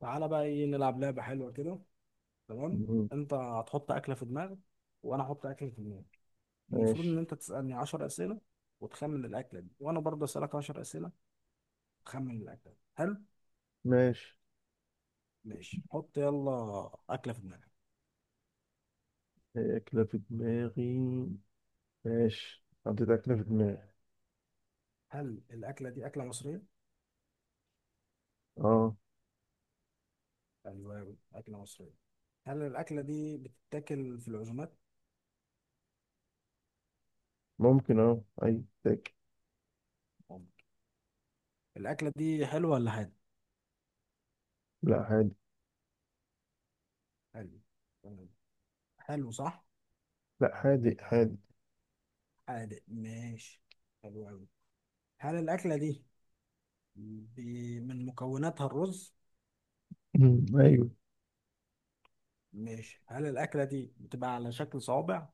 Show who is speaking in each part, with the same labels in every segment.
Speaker 1: تعالى بقى ايه نلعب لعبة حلوة كده. تمام.
Speaker 2: مم.
Speaker 1: انت هتحط أكلة في دماغك وانا احط أكلة في دماغي. المفروض ان
Speaker 2: ماشي،
Speaker 1: انت تسألني 10 أسئلة وتخمن الأكلة دي، وانا برضه أسألك 10 أسئلة تخمن الأكلة دي. حلو.
Speaker 2: ماشي.
Speaker 1: ماشي، حط يلا أكلة في دماغك.
Speaker 2: هي أكلة في دماغي. ماشي، حطيت أكلة في دماغي.
Speaker 1: هل الأكلة دي أكلة مصرية؟
Speaker 2: اه،
Speaker 1: أيوه أيوة، أكلة مصرية. هل الأكلة دي بتتاكل في العزومات؟
Speaker 2: ممكن أي تاكل.
Speaker 1: ممكن. الأكلة دي حلوة ولا حادق؟
Speaker 2: لا حادق.
Speaker 1: حلو. تمام. حلو صح؟
Speaker 2: لا، حادق حادق.
Speaker 1: حادق، ماشي، حلو أوي. هل الأكلة دي من مكوناتها الرز.
Speaker 2: مم. أيوه.
Speaker 1: ماشي، هل الأكلة دي بتبقى على شكل صوابع؟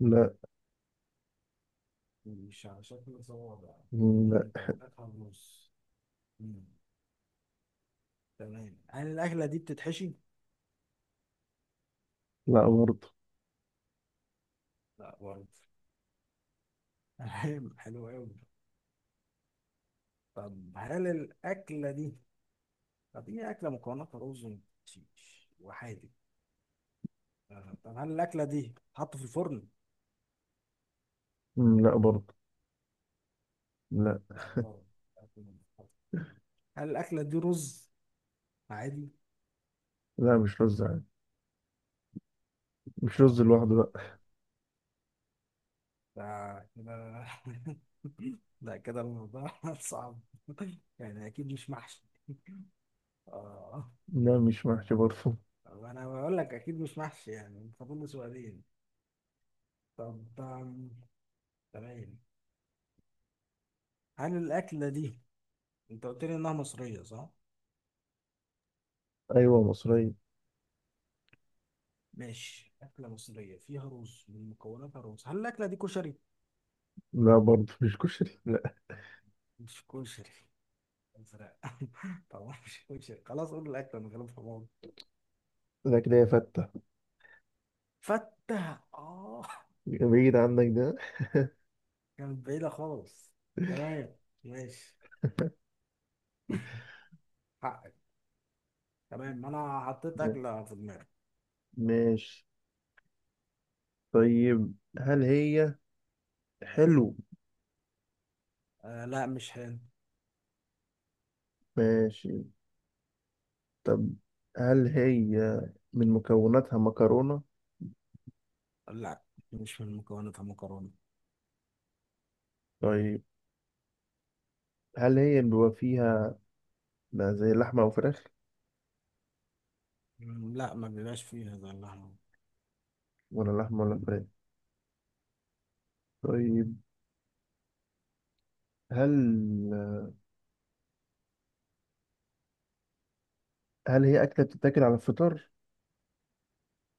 Speaker 2: لا.
Speaker 1: مش على شكل صوابع اللي
Speaker 2: مم.
Speaker 1: من
Speaker 2: لا.
Speaker 1: مكوناتها الرز. مم. تمام، هل الأكلة دي بتتحشي؟
Speaker 2: لا برضه.
Speaker 1: لا برضه. تمام، حلو أوي. طب هل الأكلة دي طب هي أكلة مكوناتها رز ومحشيش وحادق. آه. طب هل الأكلة دي بتتحط في الفرن؟
Speaker 2: مم. لا برضه. لا.
Speaker 1: لا برضه، أكل من الفرن. هل الأكلة دي رز عادي؟
Speaker 2: لا مش رز عادي، مش رز
Speaker 1: اه،
Speaker 2: لوحده، لا.
Speaker 1: ده كده ده كده الموضوع صعب. يعني اكيد مش محشي. اه.
Speaker 2: لا مش محشي برضه.
Speaker 1: طب انا بقول لك اكيد مش محشي، يعني فاضل لي سؤالين. طب تمام. هل الاكله دي انت قلت لي انها مصريه صح.
Speaker 2: أيوه مصرية.
Speaker 1: ماشي، اكله مصريه فيها رز، من مكوناتها رز. هل الاكله دي كشري؟
Speaker 2: لا برضه مش كشري، لا.
Speaker 1: مش كشري. ازرق طبعا مش كشري، خلاص قول الاكله من غير حمار.
Speaker 2: لا، كده يا فتة.
Speaker 1: فته، اه.
Speaker 2: بعيد عنك ده.
Speaker 1: كانت بعيده خالص. تمام، ماشي حقك. تمام، انا حطيت اكله في دماغي.
Speaker 2: ماشي. طيب هل هي حلو؟
Speaker 1: آه لا، مش هان.
Speaker 2: ماشي. طب هل هي من مكوناتها مكرونة؟
Speaker 1: لا مش من مكوناتها مكرونه.
Speaker 2: طيب هل هي بيبقى فيها زي لحمة أو فراخ؟
Speaker 1: لا ما بيبقاش فيها زي اللحمه.
Speaker 2: ولا لحمة ولا فراخ؟ طيب، هل هل هي أكلة بتتاكل على الفطار؟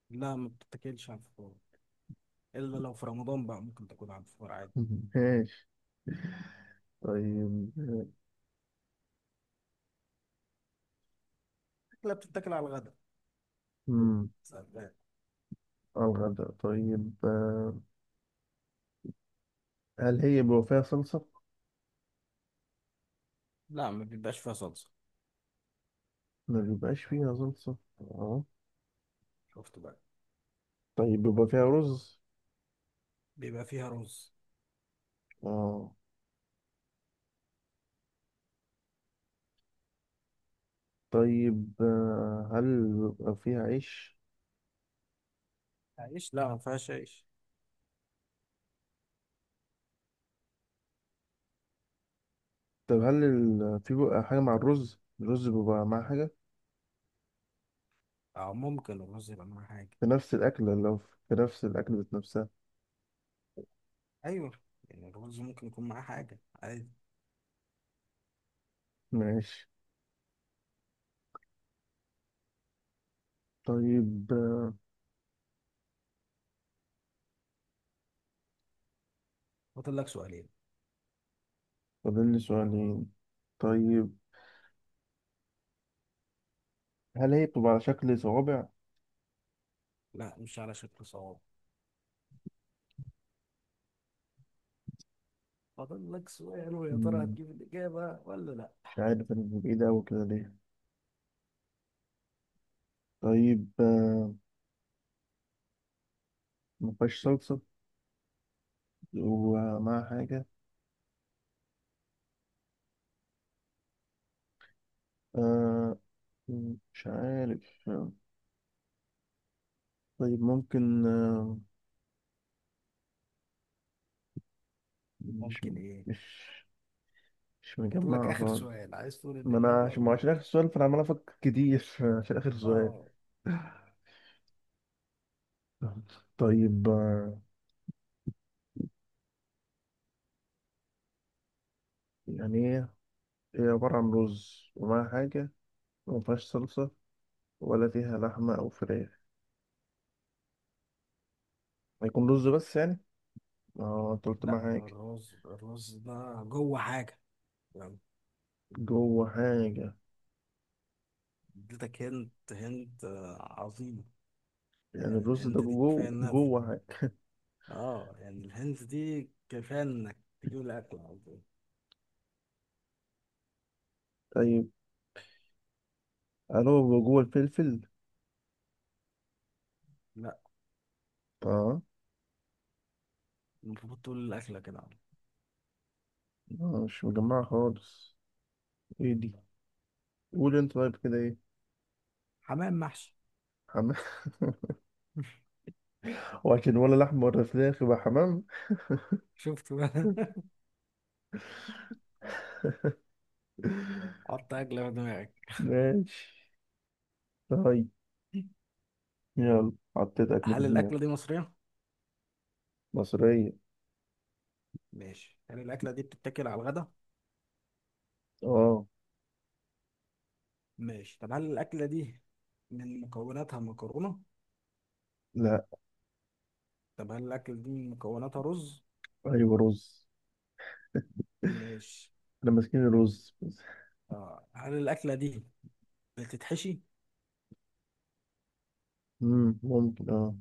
Speaker 1: لا ما بتتاكلش على الفطار، الا لو في رمضان بقى ممكن تاكل على الفطار عادي.
Speaker 2: ماشي. طيب
Speaker 1: اكله بتتاكل على الغداء.
Speaker 2: امم
Speaker 1: سلام.
Speaker 2: على الغداء. طيب، هل هي بيبقى فيها صلصة؟
Speaker 1: لا ما بيبقاش فيها صلصه.
Speaker 2: ما بيبقاش فيها صلصة، اه.
Speaker 1: شفت بقى.
Speaker 2: طيب، بيبقى فيها رز؟
Speaker 1: بيبقى فيها رز.
Speaker 2: اه. طيب، هل بيبقى فيها عيش؟
Speaker 1: عيش لا، ما فيهاش عيش.
Speaker 2: طب هل في بقى حاجة مع الرز؟ الرز بيبقى مع حاجة
Speaker 1: اه ممكن الرز يبقى معاه حاجه.
Speaker 2: في نفس الأكل، لو في نفس الأكل ذات نفسها.
Speaker 1: ايوه، يعني الرز ممكن يكون معاه حاجه عادي.
Speaker 2: ماشي. طيب،
Speaker 1: فاضل لك سؤالين.
Speaker 2: فاضل لي سؤالين. طيب هل هي بتبقى على شكل صوابع؟
Speaker 1: لا مش على شكل صوابع. فاضل لك سؤال، ويا ترى
Speaker 2: مم،
Speaker 1: هتجيب الإجابة ولا لا.
Speaker 2: مش عارف أنا بعيد أوي كده ليه. طيب، ما فيهاش صلصة ومع حاجة. آه، مش عارف. طيب ممكن. مش
Speaker 1: ممكن إيه.
Speaker 2: مش مش
Speaker 1: فاضل لك
Speaker 2: مجمعة
Speaker 1: آخر
Speaker 2: خالص.
Speaker 1: سؤال، عايز تقول الإجابة
Speaker 2: ما هو
Speaker 1: قول.
Speaker 2: عشان آخر سؤال، فأنا عمال أفكر كتير عشان آخر سؤال.
Speaker 1: آه
Speaker 2: طيب، يعني ايه، هي عبارة عن رز ومعاها حاجة، وما فيهاش صلصة، ولا فيها لحمة أو فراخ. هيكون رز بس يعني؟ اه، أنت قلت معاها
Speaker 1: لا،
Speaker 2: حاجة.
Speaker 1: الرز ده جوه حاجة، يعني.
Speaker 2: جوه حاجة.
Speaker 1: اديتك هنت هنت، عظيم.
Speaker 2: يعني
Speaker 1: يعني
Speaker 2: الرز ده
Speaker 1: الهنت دي كفاية
Speaker 2: جوه
Speaker 1: إنها،
Speaker 2: جوه حاجة.
Speaker 1: آه، يعني الهنت دي كفاية إنك تجيب الأكل على طول.
Speaker 2: طيب هل هو جوه الفلفل؟
Speaker 1: لا،
Speaker 2: اه.
Speaker 1: المفروض تقول الأكلة كده على طول.
Speaker 2: مش مجمعة خالص. ايه دي؟ قول انت، طيب كده ايه؟
Speaker 1: حمام محشي
Speaker 2: حمام. وعشان ولا لحمة ولا فراخ يبقى حمام.
Speaker 1: شفت بقى حط أكلة في دماغك.
Speaker 2: ماشي. طيب، يلا حطيت أكل في
Speaker 1: هل
Speaker 2: دماغي.
Speaker 1: الأكلة دي مصرية؟
Speaker 2: مصرية.
Speaker 1: ماشي، هل الأكلة دي بتتاكل على الغدا؟
Speaker 2: اه.
Speaker 1: ماشي، طب هل الأكلة دي من مكوناتها مكرونة؟
Speaker 2: لا.
Speaker 1: طب هل الأكلة دي من مكوناتها رز؟
Speaker 2: ايوه رز.
Speaker 1: ماشي.
Speaker 2: احنا ماسكين
Speaker 1: حلو.
Speaker 2: الرز بس.
Speaker 1: آه. هل الأكلة دي بتتحشي؟
Speaker 2: مم. ممكن، اه.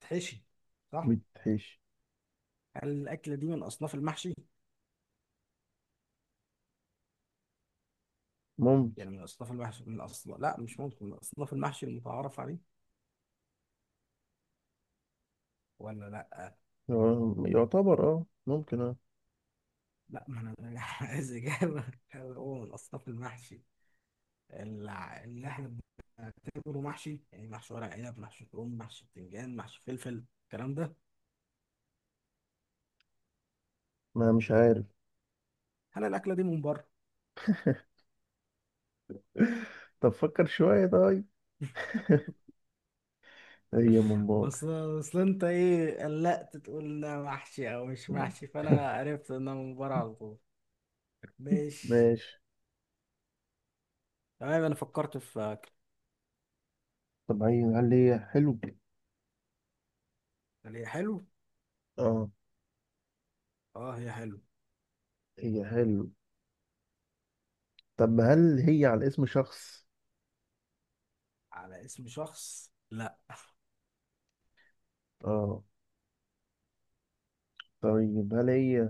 Speaker 1: بتتحشي صح؟
Speaker 2: بتحيش.
Speaker 1: هل الأكلة دي من أصناف المحشي؟
Speaker 2: ممكن.
Speaker 1: يعني من أصناف المحشي، من أصناف، لا مش ممكن، من أصناف المحشي المتعارف عليه ولا لا؟
Speaker 2: آه، يعتبر، اه ممكن، اه.
Speaker 1: لا، ما أنا أنا عايز إجابة. هل هو من أصناف المحشي اللي إحنا بنعتبره محشي، يعني محشي ورق عنب، محشي كرنب، محشي بتنجان، محشي فلفل، الكلام ده.
Speaker 2: ما مش عارف.
Speaker 1: هل الأكلة دي من بره؟
Speaker 2: طب فكر شوية، طيب. هي ممبار.
Speaker 1: بس اصل انت ايه، قلقت تقول ده محشي او مش محشي، فانا عرفت انها من بره على طول. ماشي.
Speaker 2: ماشي.
Speaker 1: تمام انا فكرت في اكل.
Speaker 2: طب هي، هل هي حلو؟
Speaker 1: هل هي حلو؟
Speaker 2: اه،
Speaker 1: اه هي حلو.
Speaker 2: هي حلو. طب هل هي على اسم شخص؟
Speaker 1: على اسم شخص لا.
Speaker 2: اه. طيب هل هي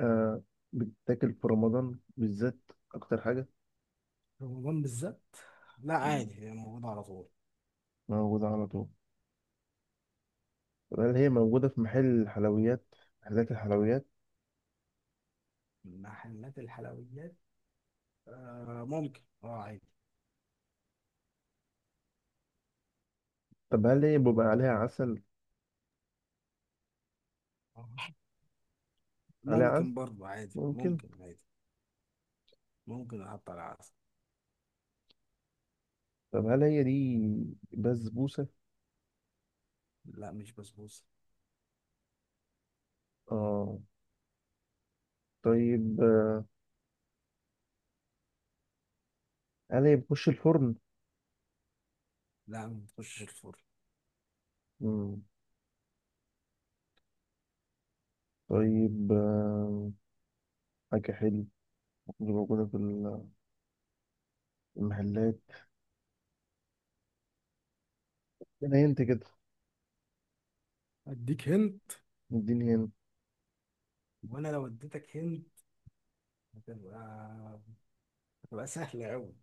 Speaker 2: آه بتتاكل في رمضان بالذات أكتر حاجة؟
Speaker 1: رمضان بالذات، لا عادي هي موجوده على طول.
Speaker 2: موجودة على طول. طب هل هي موجودة في محلات الحلويات.
Speaker 1: محلات الحلويات، آه ممكن اه عادي.
Speaker 2: طب هل هي بيبقى عليها عسل؟
Speaker 1: آه،
Speaker 2: عليها عسل
Speaker 1: ممكن برضه عادي،
Speaker 2: ممكن.
Speaker 1: ممكن عادي. ممكن احط على عسل.
Speaker 2: طب هل هي دي بسبوسة؟
Speaker 1: لا مش بسبوسه.
Speaker 2: اه. طيب، هل هي بتخش الفرن؟
Speaker 1: لا ما بتخشش الفرن.
Speaker 2: مم. طيب، حاجة حلوة دي موجودة في المحلات. انا، انت كده.
Speaker 1: اديك هند،
Speaker 2: اديني هنا.
Speaker 1: وانا لو اديتك هند هتبقى تبقى سهلة أوي.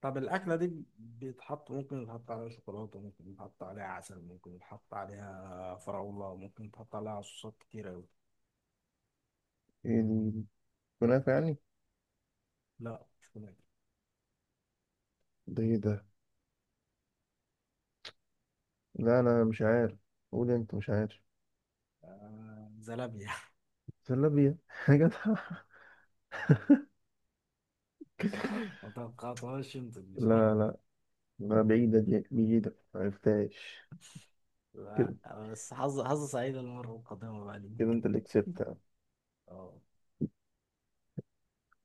Speaker 1: طب الأكلة دي ممكن يتحط عليها شوكولاتة، ممكن يتحط عليها عسل، ممكن يتحط عليها فراولة، ممكن يتحط عليها صوصات كتير أوي.
Speaker 2: ايه دي، كنافة يعني؟
Speaker 1: لا مش فلافل.
Speaker 2: ده ايه ده؟ لا انا مش عارف. قول انت، مش عارف.
Speaker 1: آه زلابية
Speaker 2: زلابية. حاجة.
Speaker 1: ما توقعتهاش أنت دي صح؟
Speaker 2: لا، لا، لا، بعيدة، دي بعيدة معرفتهاش. كده.
Speaker 1: لا. بس حظ سعيد المرة القادمة بقى
Speaker 2: كده
Speaker 1: ليك.
Speaker 2: انت اللي كسبت.
Speaker 1: اه